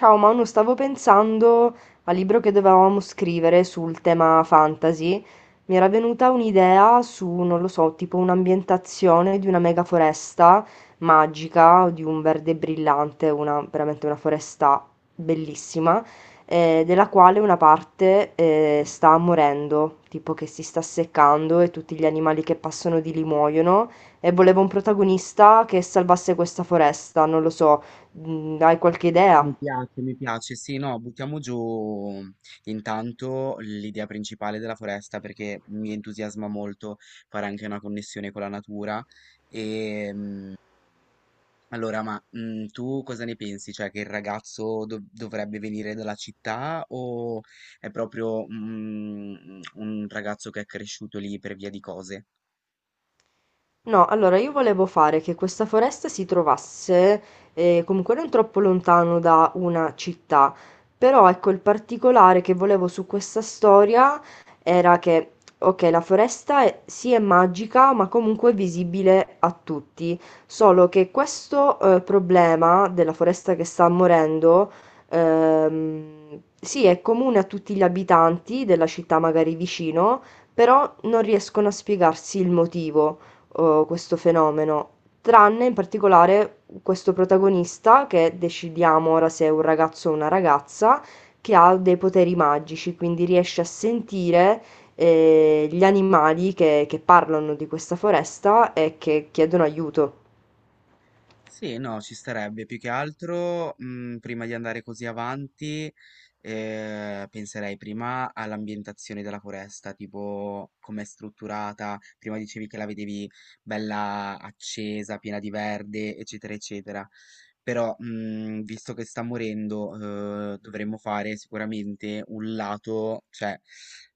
Ciao Manu, stavo pensando al libro che dovevamo scrivere sul tema fantasy. Mi era venuta un'idea su, non lo so, tipo un'ambientazione di una mega foresta magica, o di un verde brillante, veramente una foresta bellissima, della quale una parte sta morendo, tipo che si sta seccando e tutti gli animali che passano di lì muoiono. E volevo un protagonista che salvasse questa foresta, non lo so, hai qualche idea? Mi piace, mi piace. Sì, no, buttiamo giù intanto l'idea principale della foresta perché mi entusiasma molto fare anche una connessione con la natura. E allora, ma tu cosa ne pensi? Cioè, che il ragazzo dovrebbe venire dalla città o è proprio un ragazzo che è cresciuto lì per via di cose? No, allora io volevo fare che questa foresta si trovasse comunque non troppo lontano da una città, però ecco il particolare che volevo su questa storia era che, ok, la foresta è, sì è magica, ma comunque è visibile a tutti, solo che questo problema della foresta che sta morendo, sì è comune a tutti gli abitanti della città magari vicino, però non riescono a spiegarsi il motivo, questo fenomeno, tranne in particolare questo protagonista che decidiamo ora se è un ragazzo o una ragazza, che ha dei poteri magici, quindi riesce a sentire gli animali che parlano di questa foresta e che chiedono aiuto. Sì, no, ci starebbe. Più che altro, prima di andare così avanti, penserei prima all'ambientazione della foresta, tipo com'è strutturata. Prima dicevi che la vedevi bella accesa, piena di verde, eccetera, eccetera. Però, visto che sta morendo, dovremmo fare sicuramente un lato, cioè,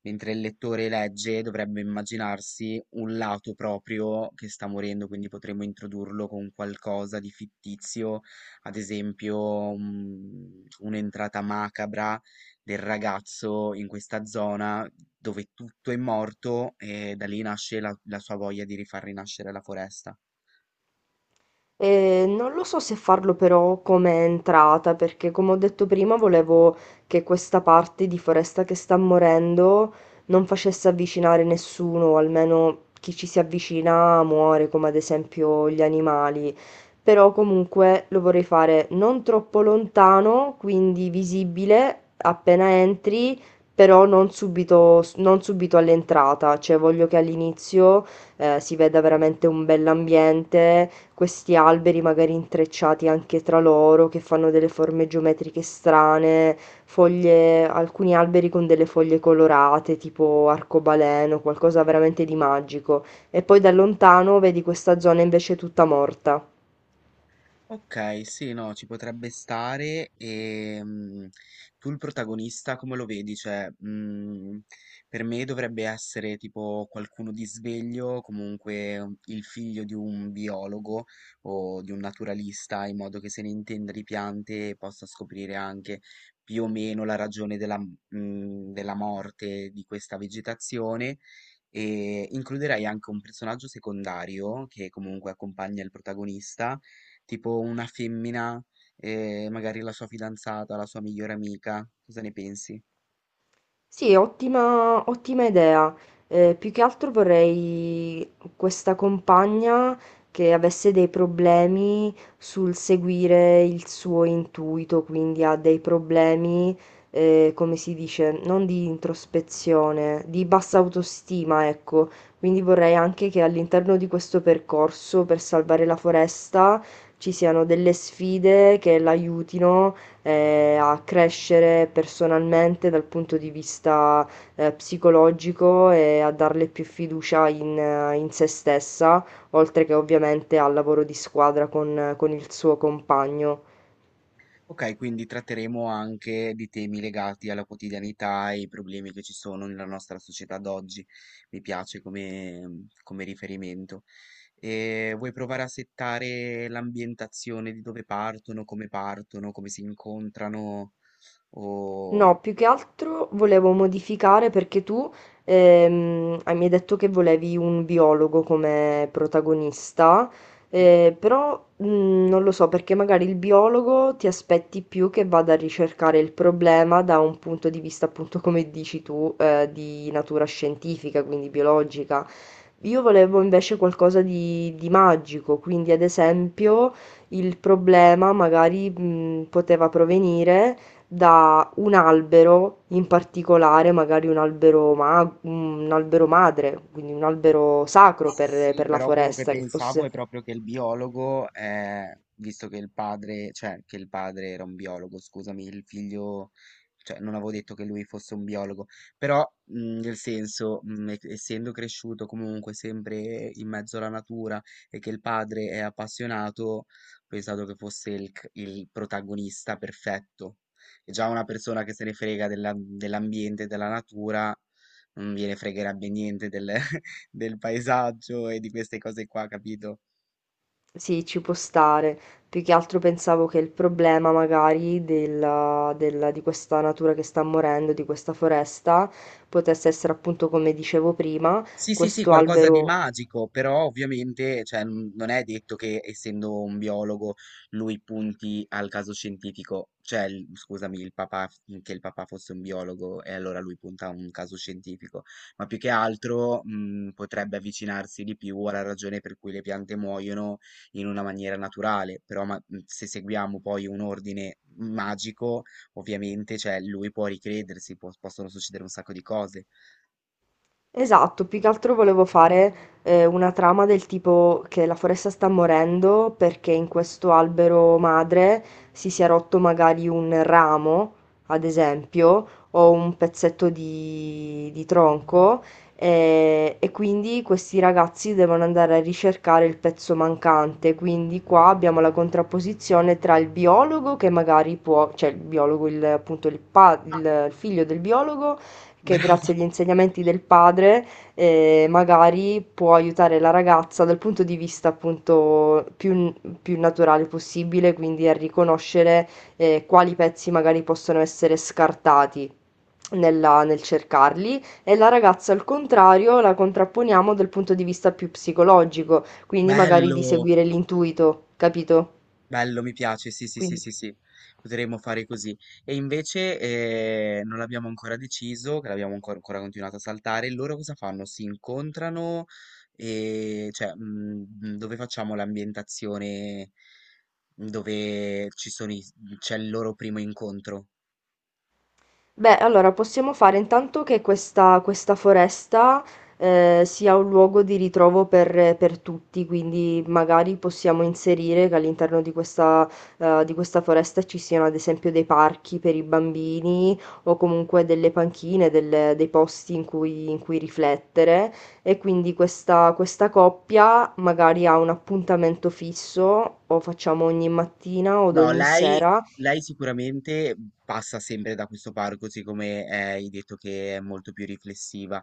mentre il lettore legge dovrebbe immaginarsi un lato proprio che sta morendo, quindi potremmo introdurlo con qualcosa di fittizio, ad esempio, un'entrata macabra del ragazzo in questa zona dove tutto è morto e da lì nasce la sua voglia di rifar rinascere la foresta. Non lo so se farlo però come entrata, perché come ho detto prima volevo che questa parte di foresta che sta morendo non facesse avvicinare nessuno, o almeno chi ci si avvicina muore, come ad esempio gli animali. Però comunque lo vorrei fare non troppo lontano, quindi visibile appena entri, però non subito, non subito all'entrata, cioè voglio che all'inizio si veda veramente un bell'ambiente, questi alberi magari intrecciati anche tra loro che fanno delle forme geometriche strane, foglie, alcuni alberi con delle foglie colorate, tipo arcobaleno, qualcosa veramente di magico. E poi da lontano vedi questa zona invece tutta morta. Ok, sì, no, ci potrebbe stare e tu il protagonista come lo vedi? Cioè, per me dovrebbe essere tipo qualcuno di sveglio, comunque il figlio di un biologo o di un naturalista, in modo che se ne intenda di piante e possa scoprire anche più o meno la ragione della morte di questa vegetazione, e includerei anche un personaggio secondario che comunque accompagna il protagonista, tipo una femmina, magari la sua fidanzata, la sua migliore amica. Cosa ne pensi? Sì, ottima ottima idea. Più che altro vorrei questa compagna che avesse dei problemi sul seguire il suo intuito, quindi ha dei problemi, come si dice, non di introspezione, di bassa autostima, ecco. Quindi vorrei anche che all'interno di questo percorso per salvare la foresta ci siano delle sfide che l'aiutino a crescere personalmente dal punto di vista psicologico, e a darle più fiducia in se stessa, oltre che ovviamente al lavoro di squadra con il suo compagno. Ok, quindi tratteremo anche di temi legati alla quotidianità e i problemi che ci sono nella nostra società d'oggi. Mi piace come riferimento. E vuoi provare a settare l'ambientazione di dove partono, come si incontrano o... mm, No, più che altro volevo modificare perché tu mi hai detto che volevi un biologo come protagonista, Sì? Però non lo so, perché magari il biologo ti aspetti più che vada a ricercare il problema da un punto di vista appunto come dici tu, di natura scientifica, quindi biologica. Io volevo invece qualcosa di magico, quindi ad esempio il problema magari, poteva provenire da un albero in particolare, magari un albero, un albero madre, quindi un albero sacro per, Sì, per la però quello che foresta, che pensavo fosse... è proprio che il biologo, visto che il padre, cioè che il padre era un biologo, scusami, il figlio, cioè non avevo detto che lui fosse un biologo, però nel senso, essendo cresciuto comunque sempre in mezzo alla natura e che il padre è appassionato, ho pensato che fosse il, il protagonista perfetto. E già una persona che se ne frega dell'ambiente, della natura, non gliene fregherebbe niente del, del paesaggio e di queste cose qua, capito? Sì, ci può stare. Più che altro pensavo che il problema magari di questa natura che sta morendo, di questa foresta, potesse essere appunto, come dicevo prima, Sì, sì, sì, questo qualcosa di albero. magico, però ovviamente, cioè, non è detto che essendo un biologo lui punti al caso scientifico, cioè, scusami, il papà, che il papà fosse un biologo e allora lui punta a un caso scientifico, ma più che altro, potrebbe avvicinarsi di più alla ragione per cui le piante muoiono in una maniera naturale, però se seguiamo poi un ordine magico, ovviamente, cioè, lui può ricredersi, possono succedere un sacco di cose. Esatto, più che altro volevo fare una trama del tipo che la foresta sta morendo perché in questo albero madre si sia rotto magari un ramo, ad esempio, o un pezzetto di tronco, e quindi questi ragazzi devono andare a ricercare il pezzo mancante. Quindi qua abbiamo la contrapposizione tra il biologo che magari può, cioè il biologo, appunto il figlio del biologo che, grazie agli insegnamenti del padre, magari può aiutare la ragazza dal punto di vista appunto più naturale possibile, quindi a riconoscere quali pezzi magari possono essere scartati nel cercarli, e la ragazza al contrario la contrapponiamo dal punto di vista più psicologico, quindi magari di Bello! seguire l'intuito, capito? Bello, mi piace, sì, sì, sì, Quindi. sì, sì, potremmo fare così. E invece non l'abbiamo ancora deciso, che l'abbiamo ancora continuato a saltare. Loro cosa fanno? Si incontrano e cioè dove facciamo l'ambientazione dove ci sono c'è il loro primo incontro? Beh, allora possiamo fare intanto che questa foresta sia un luogo di ritrovo per tutti, quindi magari possiamo inserire che all'interno di questa foresta ci siano ad esempio dei parchi per i bambini o comunque delle panchine, dei posti in cui riflettere, e quindi questa coppia magari ha un appuntamento fisso, o facciamo ogni mattina o No, ogni lei, sera. lei sicuramente passa sempre da questo parco, siccome hai detto che è molto più riflessiva.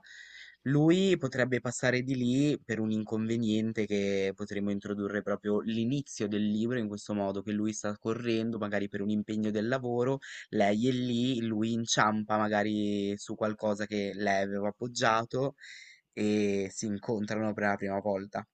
Lui potrebbe passare di lì per un inconveniente che potremmo introdurre proprio l'inizio del libro in questo modo, che lui sta correndo magari per un impegno del lavoro, lei è lì, lui inciampa magari su qualcosa che lei aveva appoggiato e si incontrano per la prima volta.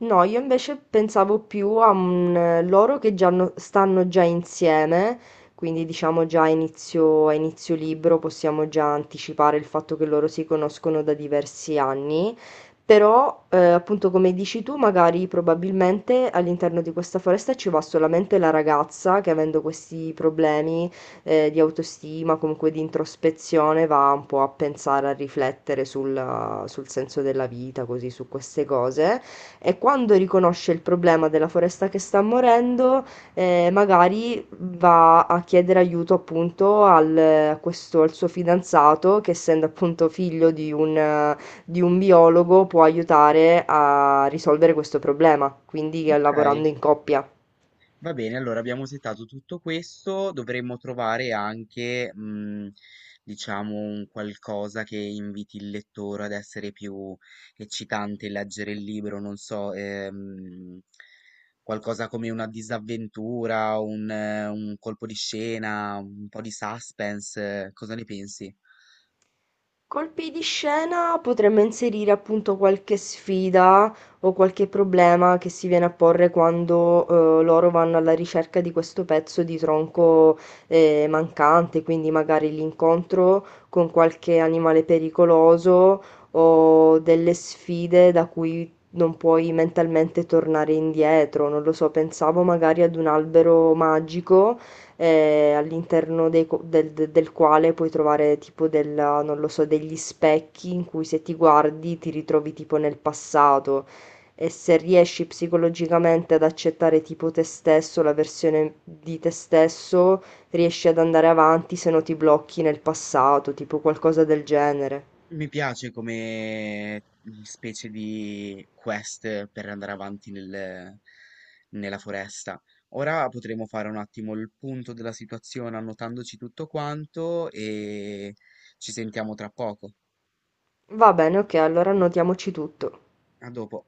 No, io invece pensavo più a un, loro che già stanno già insieme, quindi diciamo già a inizio libro possiamo già anticipare il fatto che loro si conoscono da diversi anni, però appunto come dici tu, magari probabilmente all'interno di questa foresta ci va solamente la ragazza che, avendo questi problemi di autostima, comunque di introspezione, va un po' a pensare, a riflettere sul senso della vita, così su queste cose, e quando riconosce il problema della foresta che sta morendo, magari va a chiedere aiuto appunto al, a questo, al suo fidanzato che, essendo appunto figlio di un biologo, può aiutare a risolvere questo problema, quindi Ok? lavorando in coppia. Va bene, allora abbiamo settato tutto questo, dovremmo trovare anche, diciamo, un qualcosa che inviti il lettore ad essere più eccitante e leggere il libro, non so, qualcosa come una disavventura, un colpo di scena, un po' di suspense, cosa ne pensi? Colpi di scena potremmo inserire appunto qualche sfida o qualche problema che si viene a porre quando loro vanno alla ricerca di questo pezzo di tronco mancante, quindi magari l'incontro con qualche animale pericoloso o delle sfide da cui non puoi mentalmente tornare indietro. Non lo so, pensavo magari ad un albero magico all'interno dei co- del, de- del quale puoi trovare tipo della, non lo so, degli specchi in cui, se ti guardi, ti ritrovi tipo nel passato, e se riesci psicologicamente ad accettare tipo te stesso, la versione di te stesso, riesci ad andare avanti, se no ti blocchi nel passato, tipo qualcosa del genere. Mi piace come specie di quest per andare avanti nella foresta. Ora potremo fare un attimo il punto della situazione annotandoci tutto quanto e ci sentiamo tra poco. Va bene, ok, allora annotiamoci tutto. A dopo.